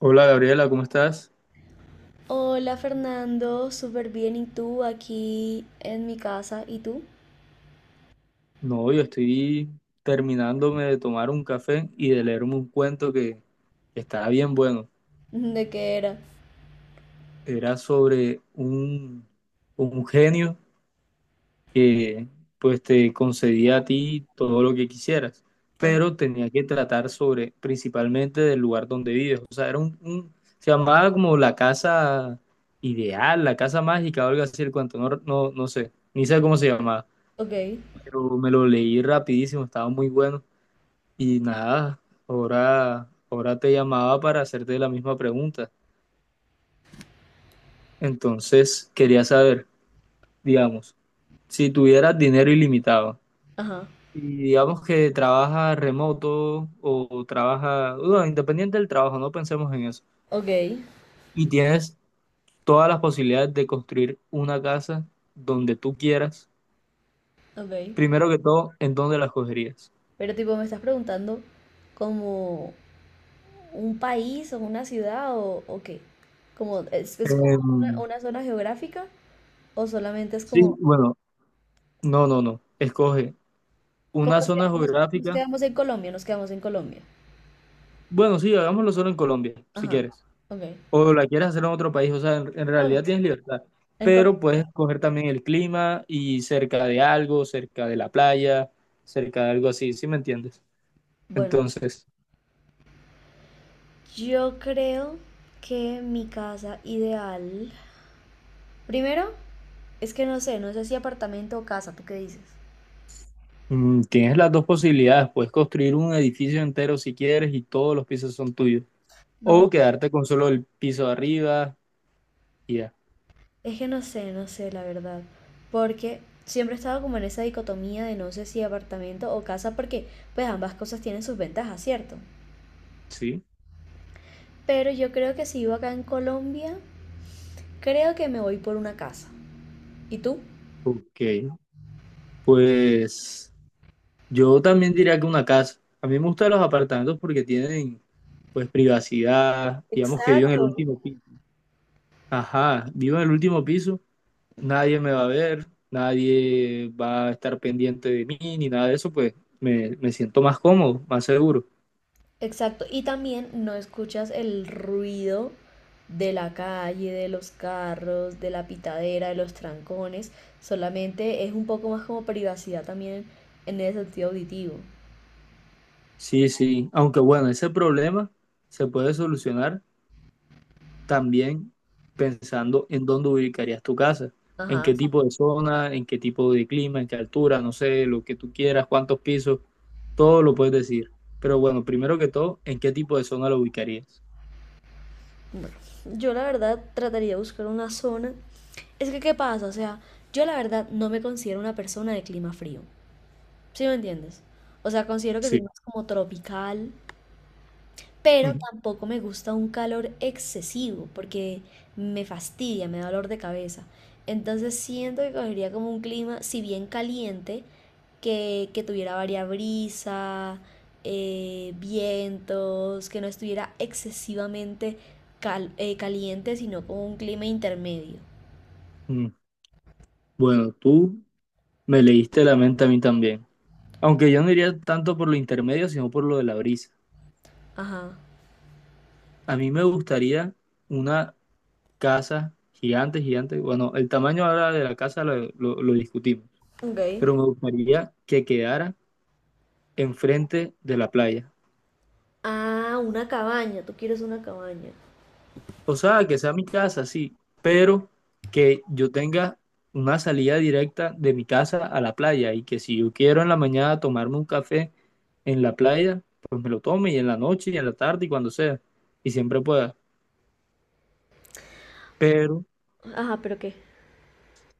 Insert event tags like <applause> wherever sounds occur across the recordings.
Hola Gabriela, ¿cómo estás? Hola Fernando, súper bien. ¿Y tú aquí en mi casa? ¿Y tú? No, yo estoy terminándome de tomar un café y de leerme un cuento que estaba bien bueno. <laughs> ¿De qué era? Era sobre un genio que pues te concedía a ti todo lo que quisieras, Ajá, pero tenía que tratar sobre principalmente del lugar donde vives. O sea, era se llamaba como la casa ideal, la casa mágica, o algo así el cuento, no, no, no sé, ni sé cómo se llamaba, ok, pero me lo leí rapidísimo, estaba muy bueno. Y nada, ahora te llamaba para hacerte la misma pregunta. Entonces, quería saber, digamos, si tuvieras dinero ilimitado ajá, y digamos que trabajas remoto o trabajas, bueno, independiente del trabajo, no pensemos en eso, ok, y tienes todas las posibilidades de construir una casa donde tú quieras, ok. primero que todo, ¿en dónde la escogerías? Pero tipo, ¿me estás preguntando como un país o una ciudad o qué? Como, ¿es como Em, una zona geográfica o solamente es sí, como bueno, no, no, no, escoge como una nos, zona queda- nos- nos geográfica. quedamos en Colombia? Nos quedamos en Colombia. Bueno, sí, hagámoslo solo en Colombia, si Ajá, quieres. ok. O la quieres hacer en otro país, o sea, en No, no, realidad tienes libertad. en Colombia. Pero puedes escoger también el clima y cerca de algo, cerca de la playa, cerca de algo así, ¿sí me entiendes? Bueno, Entonces, yo creo que mi casa ideal... Primero, es que no sé si apartamento o casa, ¿tú qué dices? Tienes las dos posibilidades. Puedes construir un edificio entero si quieres y todos los pisos son tuyos. No, O quedarte con solo el piso de arriba y ya. es que no sé, la verdad. Porque siempre he estado como en esa dicotomía de no sé si apartamento o casa, porque pues ambas cosas tienen sus ventajas, ¿cierto? Sí, Pero yo creo que si vivo acá en Colombia, creo que me voy por una casa. ¿Y tú? ok. Pues yo también diría que una casa. A mí me gustan los apartamentos porque tienen pues privacidad, digamos que vivo en el Exacto. último piso. Ajá, vivo en el último piso, nadie me va a ver, nadie va a estar pendiente de mí ni nada de eso, pues me siento más cómodo, más seguro. Exacto, y también no escuchas el ruido de la calle, de los carros, de la pitadera, de los trancones, solamente es un poco más como privacidad también en el sentido auditivo. Sí, sí, aunque bueno, ese problema se puede solucionar también pensando en dónde ubicarías tu casa, en Ajá. qué tipo de zona, en qué tipo de clima, en qué altura, no sé, lo que tú quieras, cuántos pisos, todo lo puedes decir. Pero bueno, primero que todo, ¿en qué tipo de zona lo ubicarías? Bueno, yo la verdad trataría de buscar una zona. Es que, ¿qué pasa? O sea, yo la verdad no me considero una persona de clima frío, ¿sí me entiendes? O sea, considero que soy Sí. más como tropical, pero Ujú, tampoco me gusta un calor excesivo porque me fastidia, me da dolor de cabeza. Entonces siento que cogería como un clima, si bien caliente, que tuviera varias brisa, vientos, que no estuviera excesivamente caliente, sino como un clima intermedio. ujú. Bueno, tú me leíste la mente a mí también. Aunque yo no iría tanto por lo intermedio, sino por lo de la brisa. Ajá. A mí me gustaría una casa gigante, gigante. Bueno, el tamaño ahora de la casa lo discutimos, Ok. pero me gustaría que quedara enfrente de la playa. Ah, una cabaña, tú quieres una cabaña. O sea, que sea mi casa, sí, pero que yo tenga una salida directa de mi casa a la playa y que si yo quiero en la mañana tomarme un café en la playa, pues me lo tome y en la noche y en la tarde y cuando sea y siempre pueda, pero, Ajá, pero ¿qué?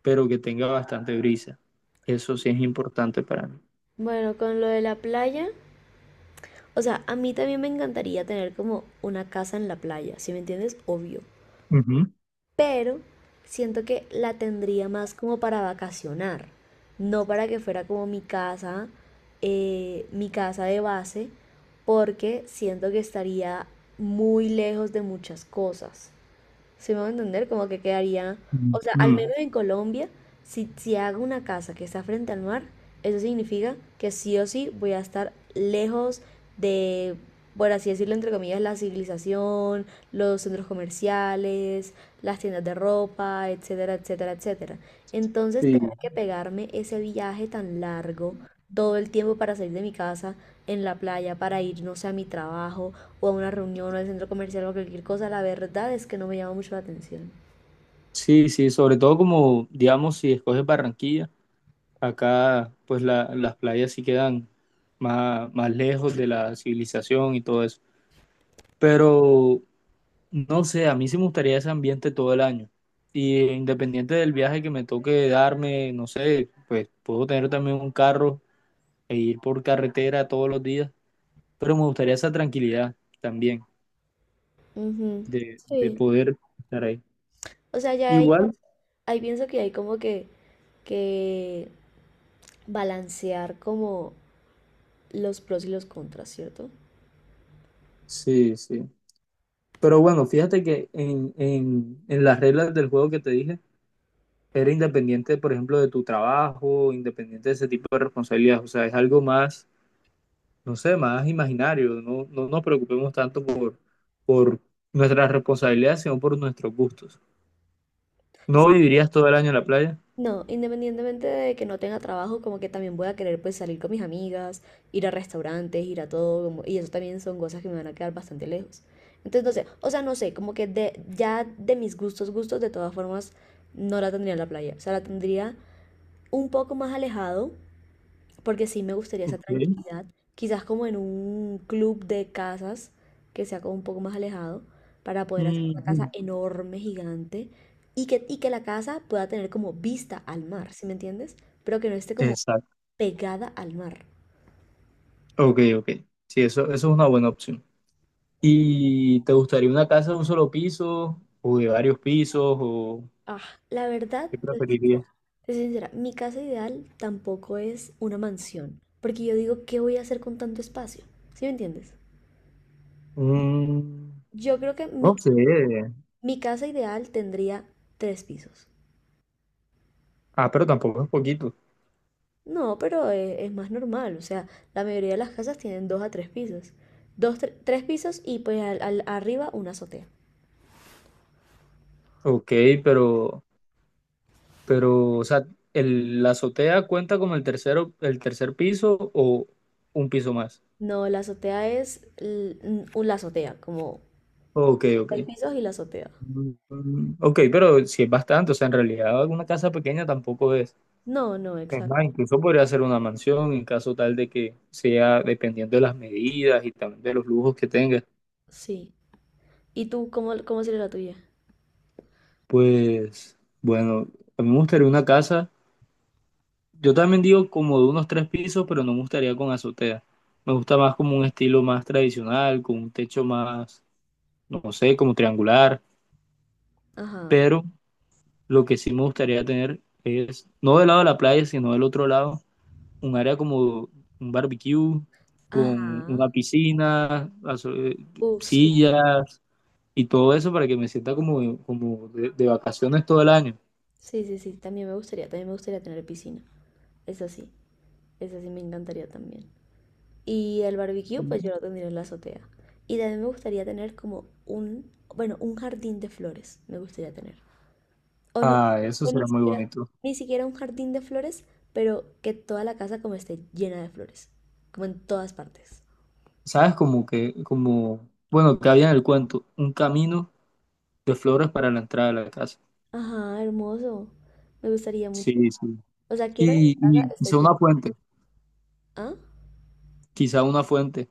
pero que tenga bastante brisa. Eso sí es importante para mí. Bueno, con lo de la playa, o sea, a mí también me encantaría tener como una casa en la playa, ¿si me entiendes? Obvio. Ujú. Pero siento que la tendría más como para vacacionar, no para que fuera como mi casa de base, porque siento que estaría muy lejos de muchas cosas. ¿Sí me va a entender? Como que quedaría, o sea, al Ujú. menos en Colombia, si hago una casa que está frente al mar, eso significa que sí o sí voy a estar lejos de, por así decirlo, entre comillas, la civilización, los centros comerciales, las tiendas de ropa, etcétera, etcétera, etcétera. Entonces, tener Sí, que pegarme ese viaje tan largo todo el tiempo para salir de mi casa en la playa, para ir, no sé, a mi trabajo o a una reunión o al centro comercial o cualquier cosa, la verdad es que no me llama mucho la atención. sí, sí, sobre todo como, digamos, si escoges Barranquilla. Acá, pues las playas sí quedan más, más lejos de la civilización y todo eso. Pero no sé, a mí sí me gustaría ese ambiente todo el año. Y independiente del viaje que me toque darme, no sé, pues puedo tener también un carro e ir por carretera todos los días. Pero me gustaría esa tranquilidad también Ujú. De Sí. poder estar ahí. O sea, ya ahí, Igual. ahí pienso que hay como que balancear como los pros y los contras, ¿cierto? Sí, sí. Pero bueno, fíjate que en las reglas del juego que te dije, era independiente, por ejemplo, de tu trabajo, independiente de ese tipo de responsabilidades. O sea, es algo más, no sé, más imaginario. No, no nos preocupemos tanto por nuestras responsabilidades, sino por nuestros gustos. ¿No vivirías todo el año en la playa? No, independientemente de que no tenga trabajo, como que también voy a querer pues salir con mis amigas, ir a restaurantes, ir a todo, como y eso también son cosas que me van a quedar bastante lejos. Entonces, no sé, o sea, no sé, como que de, ya de mis gustos, gustos, de todas formas, no la tendría en la playa. O sea, la tendría un poco más alejado, porque sí me gustaría esa Ok. tranquilidad, quizás como en un club de casas que sea como un poco más alejado, para poder hacer una Ujú. casa enorme, gigante, y que la casa pueda tener como vista al mar, ¿sí me entiendes? Pero que no esté como Exacto. pegada al mar. Ok, ok. Sí, eso es una buena opción. ¿Y te gustaría una casa de un solo piso o de varios pisos o Ah, la verdad, qué te soy preferirías? sincera, te soy sincera, mi casa ideal tampoco es una mansión, porque yo digo, ¿qué voy a hacer con tanto espacio? ¿Sí me entiendes? Mm, Yo creo que no sé. mi casa ideal tendría tres pisos. Ah, pero tampoco es poquito. No, pero es, más normal, o sea, la mayoría de las casas tienen dos a tres pisos. Dos, tres pisos y pues arriba una azotea. Ok, pero Pero, o sea, el, ¿la azotea cuenta como el tercero, el tercer piso o un piso más? No, la azotea es la azotea, como Ok, ok. tres pisos y la azotea. Mm, ok, pero si es bastante, o sea, en realidad una casa pequeña tampoco es. No, no, Es más, exacto, incluso podría ser una mansión en caso tal de que sea dependiendo de las medidas y también de los lujos que tenga. sí. ¿Y tú cómo sería la tuya? Pues, bueno, a mí me gustaría una casa. Yo también digo como de unos tres pisos, pero no me gustaría con azotea. Me gusta más como un estilo más tradicional, con un techo más no sé, como triangular, Ajá, pero lo que sí me gustaría tener es, no del lado de la playa, sino del otro lado, un área como un barbecue, con ajá. una piscina, Uf, sí. sillas y todo eso para que me sienta como, como de vacaciones todo el año. Sí, sí, sí, también me gustaría tener piscina. Es así, es así, me encantaría también. Y el barbecue, pues yo lo tendría en la azotea. Y también me gustaría tener como un, bueno, un jardín de flores, me gustaría tener. O no, Ah, eso o ni será muy siquiera, bonito. ni siquiera un jardín de flores, pero que toda la casa como esté llena de flores, como en todas partes. ¿Sabes? Como que, como, bueno, que había en el cuento, un camino de flores para la entrada de la casa. Ajá, hermoso. Me gustaría mucho. Sí, sí. O sea, quiero que mi casa Y esté quizá llena. una fuente, ¿Ah? quizá una fuente.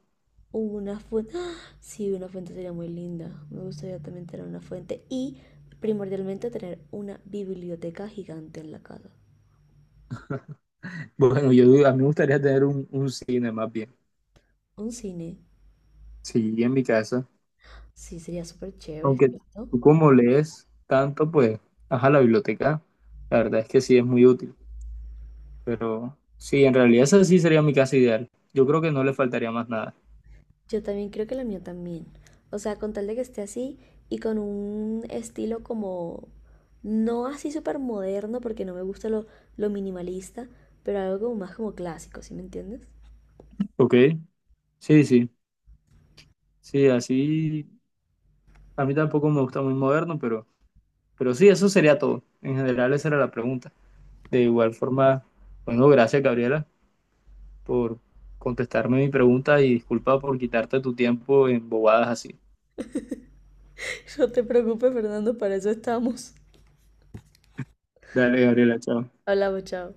Una fuente. <gasps> ¡Ah! Sí, una fuente sería muy linda. Me gustaría también tener una fuente y primordialmente tener una biblioteca gigante en la casa. Bueno, yo a mí me gustaría tener un cine más bien, Un cine. sí, en mi casa. Sí, sería súper chévere, Aunque ¿cierto? tú como lees tanto, pues, ajá, la biblioteca, la verdad es que sí es muy útil. Pero sí, en realidad esa sí sería mi casa ideal. Yo creo que no le faltaría más nada. Yo también creo que la mía también. O sea, con tal de que esté así y con un estilo como, no así súper moderno, porque no me gusta lo minimalista, pero algo como más como clásico, ¿sí me entiendes? ¿Ok? Sí, sí, sí, así. A mí tampoco me gusta muy moderno, pero sí, eso sería todo. En general, esa era la pregunta. De igual forma, bueno, gracias, Gabriela, por contestarme mi pregunta y disculpa por quitarte tu tiempo en bobadas así. <laughs> No te preocupes, Fernando, para eso estamos. Dale, Gabriela, chao. Hablamos, chao.